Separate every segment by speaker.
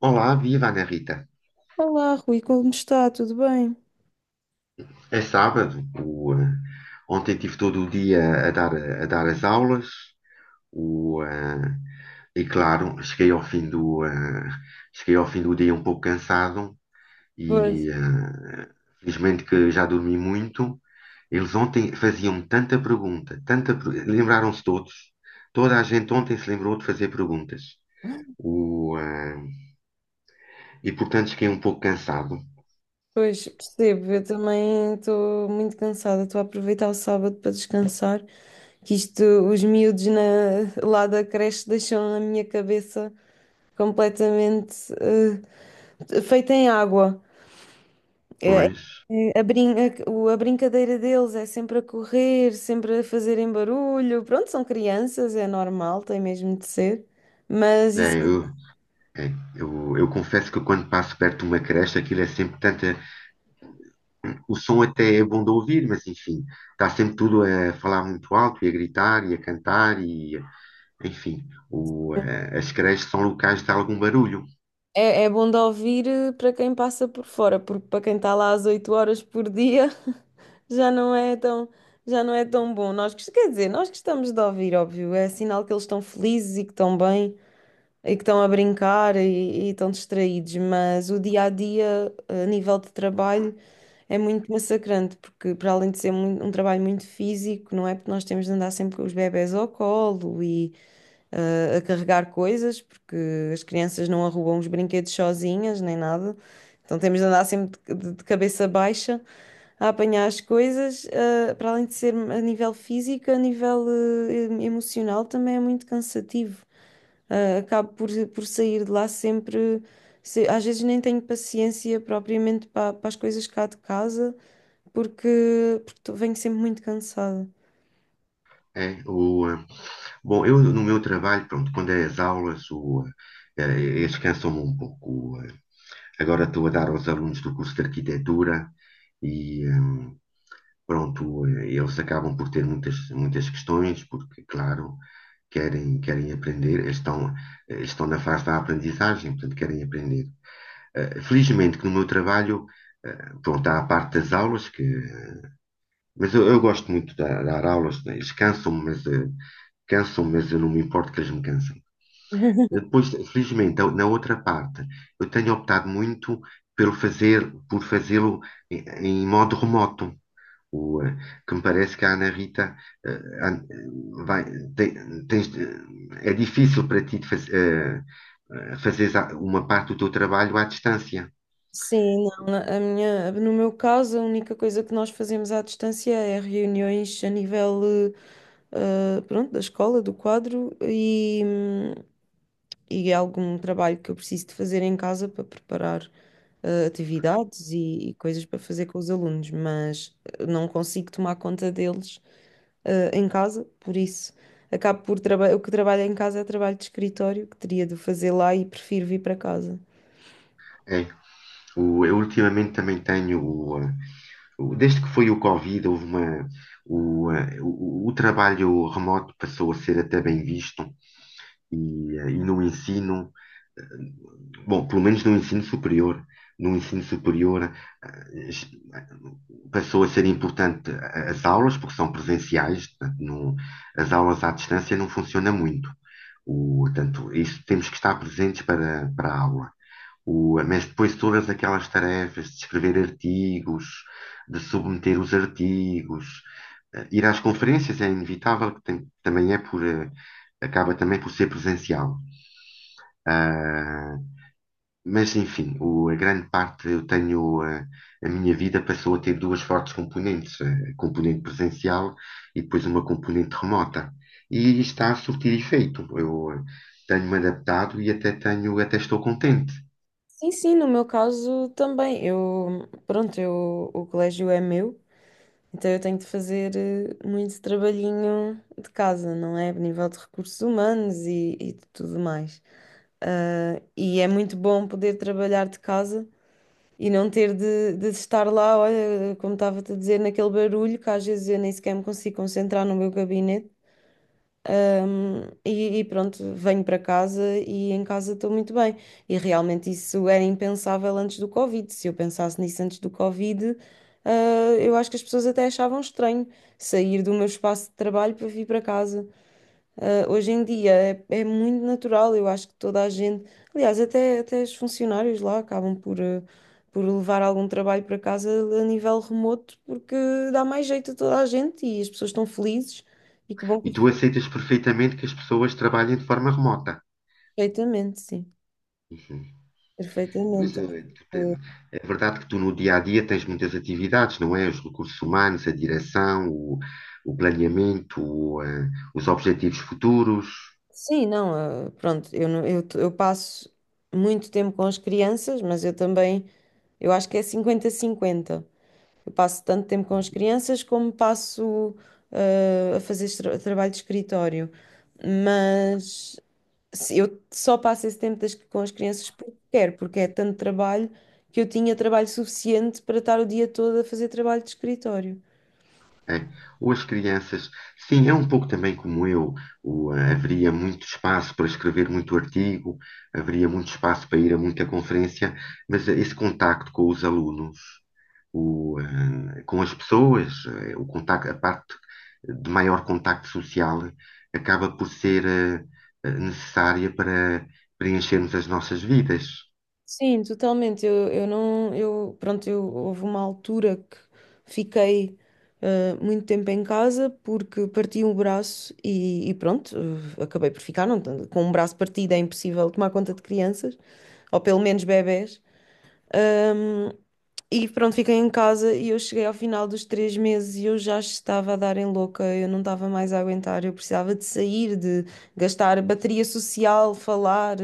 Speaker 1: Olá, viva Ana Rita.
Speaker 2: Olá, Rui, como está? Tudo bem?
Speaker 1: É sábado. Ontem tive todo o dia a dar as aulas. O, eh, e claro, cheguei ao fim do dia um pouco cansado
Speaker 2: Pois,
Speaker 1: e felizmente que já dormi muito. Eles ontem faziam tanta pergunta, lembraram-se todos. Toda a gente ontem se lembrou de fazer perguntas. O, eh, e portanto cheguei um pouco cansado.
Speaker 2: pois, percebo. Eu também estou muito cansada. Estou a aproveitar o sábado para descansar, que isto, os miúdos lá da creche deixam a minha cabeça completamente feita em água. É-
Speaker 1: Pois.
Speaker 2: é a, a brincadeira deles é sempre a correr, sempre a fazerem barulho. Pronto, são crianças, é normal, tem mesmo de ser. Mas isso
Speaker 1: É, é. Eu confesso que quando passo perto de uma creche, aquilo é sempre tanta. O som até é bom de ouvir, mas enfim, está sempre tudo a falar muito alto e a gritar e a cantar e, enfim, as creches são locais de algum barulho.
Speaker 2: é, é bom de ouvir para quem passa por fora, porque para quem está lá às 8 horas por dia já não é tão, já não é tão bom. Nós, quer dizer, nós gostamos de ouvir, óbvio, é sinal que eles estão felizes e que estão bem e que estão a brincar e estão distraídos, mas o dia a dia, a nível de trabalho, é muito massacrante, porque para além de ser um trabalho muito físico, não é? Porque nós temos de andar sempre com os bebés ao colo e a carregar coisas, porque as crianças não arrumam os brinquedos sozinhas nem nada, então temos de andar sempre de cabeça baixa. A apanhar as coisas, para além de ser a nível físico, a nível emocional também é muito cansativo. Acabo por sair de lá sempre. Às vezes nem tenho paciência propriamente para, as coisas cá de casa, porque venho sempre muito cansada.
Speaker 1: É, bom, eu no meu trabalho, pronto, quando é as aulas, eh, descansam-me um pouco. Eh. Agora estou a dar aos alunos do curso de arquitetura e, pronto, eles acabam por ter muitas questões, porque, claro, querem aprender, eles estão na fase da aprendizagem, portanto, querem aprender. Felizmente que no meu trabalho, pronto, há a parte das aulas, que mas eu gosto muito de dar aulas, né? Eles cansam-me, mas eu não me importo que eles me cansem. Depois, felizmente, na outra parte, eu tenho optado muito por fazê-lo em, em modo remoto. O, eh, que me parece que a Ana Rita eh, an- vai, tem- tens de- é difícil para ti de fazeres uma parte do teu trabalho à distância.
Speaker 2: Sim, não, a no meu caso, a única coisa que nós fazemos à distância é reuniões a nível, pronto, da escola, do quadro e é algum trabalho que eu preciso de fazer em casa para preparar atividades e coisas para fazer com os alunos, mas não consigo tomar conta deles em casa, por isso acabo por trabalhar. O que trabalho em casa é trabalho de escritório, que teria de fazer lá e prefiro vir para casa.
Speaker 1: É. Eu ultimamente também tenho. Desde que foi o Covid, houve uma, o, eh, o trabalho remoto passou a ser até bem visto e, e no ensino, bom, pelo menos no ensino superior, no ensino superior eh, es- passou a ser importante as aulas, porque são presenciais, portanto, as aulas à distância não funcionam muito. Portanto, isso temos que estar presentes para a aula. Mas depois todas aquelas tarefas de escrever artigos, de submeter os artigos, ir às conferências é inevitável, também acaba também por ser presencial. Ah, mas, enfim, a grande parte eu tenho, a minha vida passou a ter duas fortes componentes, a componente presencial e depois uma componente remota. E está a surtir efeito. Eu tenho-me adaptado e até estou contente.
Speaker 2: Sim, sim, no meu caso também. Eu, pronto, eu, o colégio é meu, então eu tenho de fazer muito trabalhinho de casa, não é? A nível de recursos humanos e de tudo mais. E é muito bom poder trabalhar de casa e não ter de estar lá, olha, como estava-te a dizer, naquele barulho que às vezes eu nem sequer me consigo concentrar no meu gabinete. E pronto, venho para casa e em casa estou muito bem. E realmente isso era impensável antes do Covid. Se eu pensasse nisso antes do Covid, eu acho que as pessoas até achavam estranho sair do meu espaço de trabalho para vir para casa. Hoje em dia é, é muito natural, eu acho que toda a gente, aliás, até os funcionários lá acabam por, por levar algum trabalho para casa a nível remoto, porque dá mais jeito a toda a gente e as pessoas estão felizes e que bom
Speaker 1: E
Speaker 2: que
Speaker 1: tu aceitas perfeitamente que as pessoas trabalhem de forma remota.
Speaker 2: perfeitamente, sim,
Speaker 1: Uhum. Pois
Speaker 2: perfeitamente.
Speaker 1: é,
Speaker 2: Ah,
Speaker 1: é verdade que tu no dia a dia tens muitas atividades, não é? Os recursos humanos, a direção, o planeamento, os objetivos futuros,
Speaker 2: Sim, não, pronto, eu, não- eu passo muito tempo com as crianças, mas eu também, eu acho que é cinquenta cinquenta. Eu passo tanto tempo com as crianças como passo a fazer trabalho de escritório. Mas eu só passo esse tempo com as crianças porque quero, porque é tanto trabalho que eu tinha trabalho suficiente para estar o dia todo a fazer trabalho de escritório.
Speaker 1: é? Ou as crianças. Sim, é um pouco também como eu. Haveria muito espaço para escrever muito artigo, haveria muito espaço para ir a muita conferência, mas esse contacto com os alunos. Com as pessoas, o contacto, a parte de maior contacto social acaba por ser necessária para preenchermos as nossas vidas.
Speaker 2: Sim, totalmente. Eu não, eu, pronto, eu houve uma altura que fiquei muito tempo em casa porque parti um braço e pronto, acabei por ficar, não, com um braço partido é impossível tomar conta de crianças, ou pelo menos bebés. Ahm, e pronto, fiquei em casa e eu cheguei ao final dos 3 meses e eu já estava a dar em louca, eu não estava mais a aguentar, eu precisava de sair, de gastar bateria social, falar,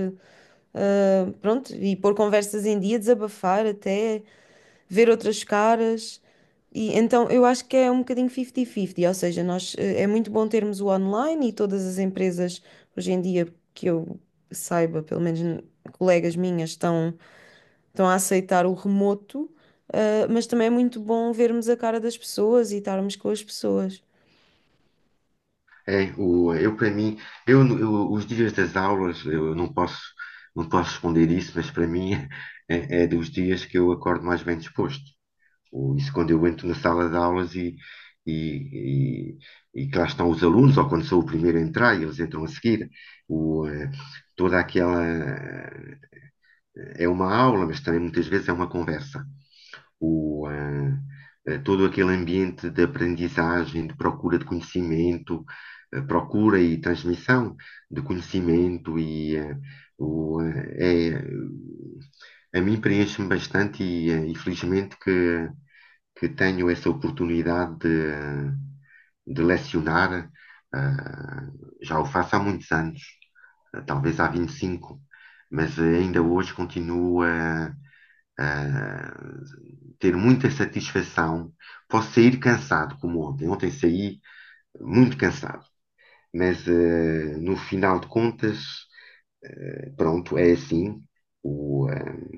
Speaker 2: pronto, e pôr conversas em dia, desabafar até, ver outras caras. E então eu acho que é um bocadinho 50-50, ou seja, nós, é muito bom termos o online e todas as empresas hoje em dia que eu saiba, pelo menos colegas minhas, estão a aceitar o remoto, mas também é muito bom vermos a cara das pessoas e estarmos com as pessoas.
Speaker 1: É, eu para mim, os dias das aulas, eu não posso responder isso, mas para mim é dos dias que eu acordo mais bem disposto. Ou isso quando eu entro na sala de aulas e, e que lá estão os alunos, ou quando sou o primeiro a entrar e eles entram a seguir, o, eh, toda aquela eh, é uma aula, mas também muitas vezes é uma conversa. Todo aquele ambiente de aprendizagem, de procura de conhecimento, procura e transmissão de conhecimento e o, eh, a mim preenche-me bastante e, e felizmente que tenho essa oportunidade de lecionar. Já o faço há muitos anos, talvez há 25, mas ainda hoje continuo a ter muita satisfação. Posso sair cansado, como ontem. Ontem saí muito cansado, mas no final de contas, pronto, é assim. O, uh,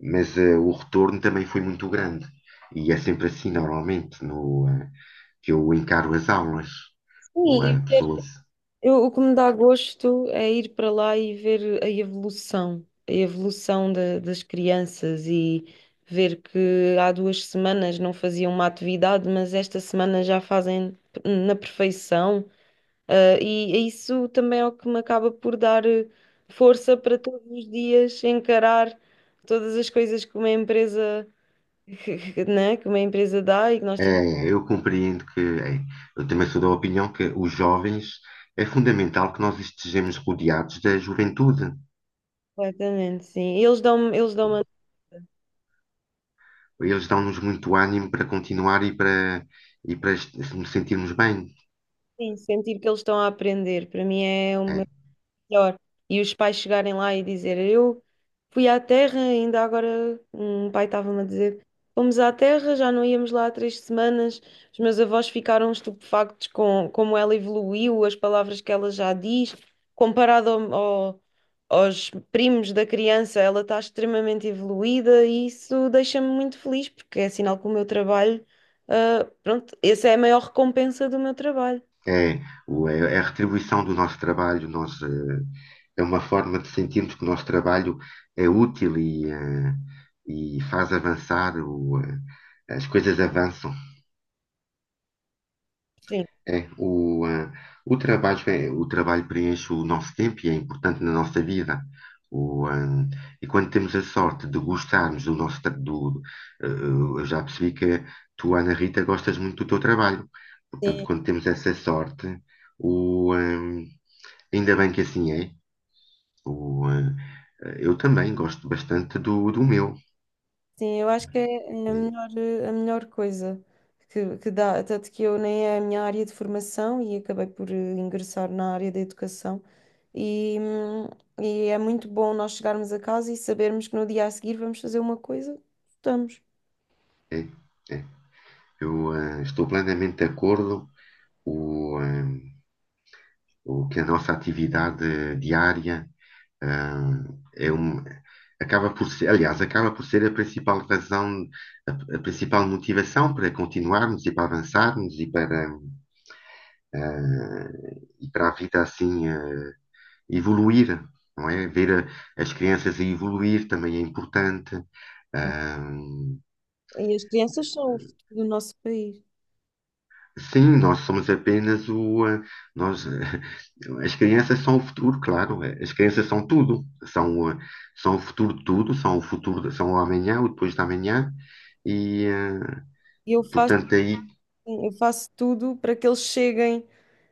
Speaker 1: mas o retorno também foi muito grande. E é sempre assim, normalmente, no, ah, que eu encaro as aulas ou
Speaker 2: Sim, e
Speaker 1: a pessoas.
Speaker 2: eu, o que me dá gosto é ir para lá e ver a evolução das crianças e ver que há 2 semanas não faziam uma atividade, mas esta semana já fazem na perfeição. E isso também é o que me acaba por dar força para todos os dias encarar todas as coisas que uma empresa né, que uma empresa dá e que nós temos
Speaker 1: É, eu compreendo que eu também sou da opinião que os jovens é fundamental que nós estejamos rodeados da juventude.
Speaker 2: completamente, sim. E eles eles dão-me a
Speaker 1: Eles dão-nos muito ânimo para continuar e para nos sentirmos bem.
Speaker 2: sentir que eles estão a aprender. Para mim é
Speaker 1: É,
Speaker 2: um melhor. E os pais chegarem lá e dizer, eu fui à Terra, ainda agora um pai estava-me a dizer, fomos à Terra, já não íamos lá há 3 semanas, os meus avós ficaram estupefactos com como ela evoluiu, as palavras que ela já diz, comparado aos primos da criança, ela está extremamente evoluída e isso deixa-me muito feliz, porque é sinal que o meu trabalho, pronto, essa é a maior recompensa do meu trabalho.
Speaker 1: é. É a retribuição do nosso trabalho, é uma forma de sentirmos que o nosso trabalho é útil e e faz avançar, as coisas avançam. É, o trabalho, o trabalho preenche o nosso tempo e é importante na nossa vida. O, ah, e quando temos a sorte de gostarmos do nosso. Eu já percebi que tu, Ana Rita, gostas muito do teu trabalho. Portanto,
Speaker 2: Sim.
Speaker 1: quando temos essa sorte, o, ah, ainda bem que assim é. O, ah, eu também gosto bastante do meu.
Speaker 2: Sim, eu acho que é a melhor coisa que dá, tanto que eu nem é a minha área de formação e acabei por ingressar na área da educação e, hum, e é muito bom nós chegarmos a casa e sabermos que no dia a seguir vamos fazer uma coisa, estudamos.
Speaker 1: É, é. Eu estou plenamente de acordo. O, eh, o que a nossa atividade diária ah, é um, acaba por ser, aliás, acaba por ser a principal razão, a principal motivação para continuarmos e para avançarmos ah, e para a vida assim evoluir, não é? Ver as crianças a evoluir também é importante. eh,
Speaker 2: E as crianças são o futuro do nosso país.
Speaker 1: Sim, nós somos apenas o. Nós, as crianças são o futuro, claro. As crianças são tudo. São o futuro de tudo, são o futuro, são o amanhã, o depois da amanhã. E,
Speaker 2: E eu faço,
Speaker 1: portanto, aí.
Speaker 2: eu faço tudo para que eles cheguem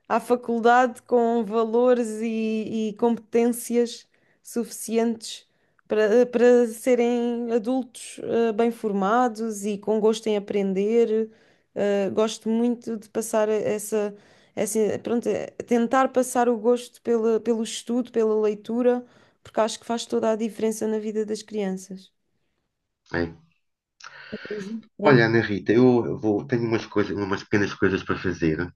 Speaker 2: à faculdade com valores e competências suficientes para serem adultos bem formados e com gosto em aprender. Gosto muito de passar pronto, tentar passar o gosto pelo estudo, pela leitura, porque acho que faz toda a diferença na vida das crianças.
Speaker 1: É. Olha, Ana Rita, tenho umas pequenas coisas para fazer.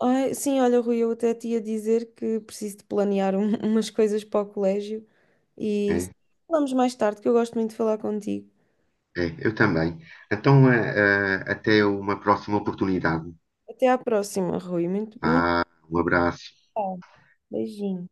Speaker 2: Ai, sim, olha, Rui, eu até te ia dizer que preciso de planear umas coisas para o colégio e
Speaker 1: É,
Speaker 2: falamos mais tarde, que eu gosto muito de falar contigo.
Speaker 1: é, eu também. Então, até uma próxima oportunidade.
Speaker 2: Até à próxima, Rui. Muito, muito
Speaker 1: Um abraço.
Speaker 2: obrigada. Beijinho.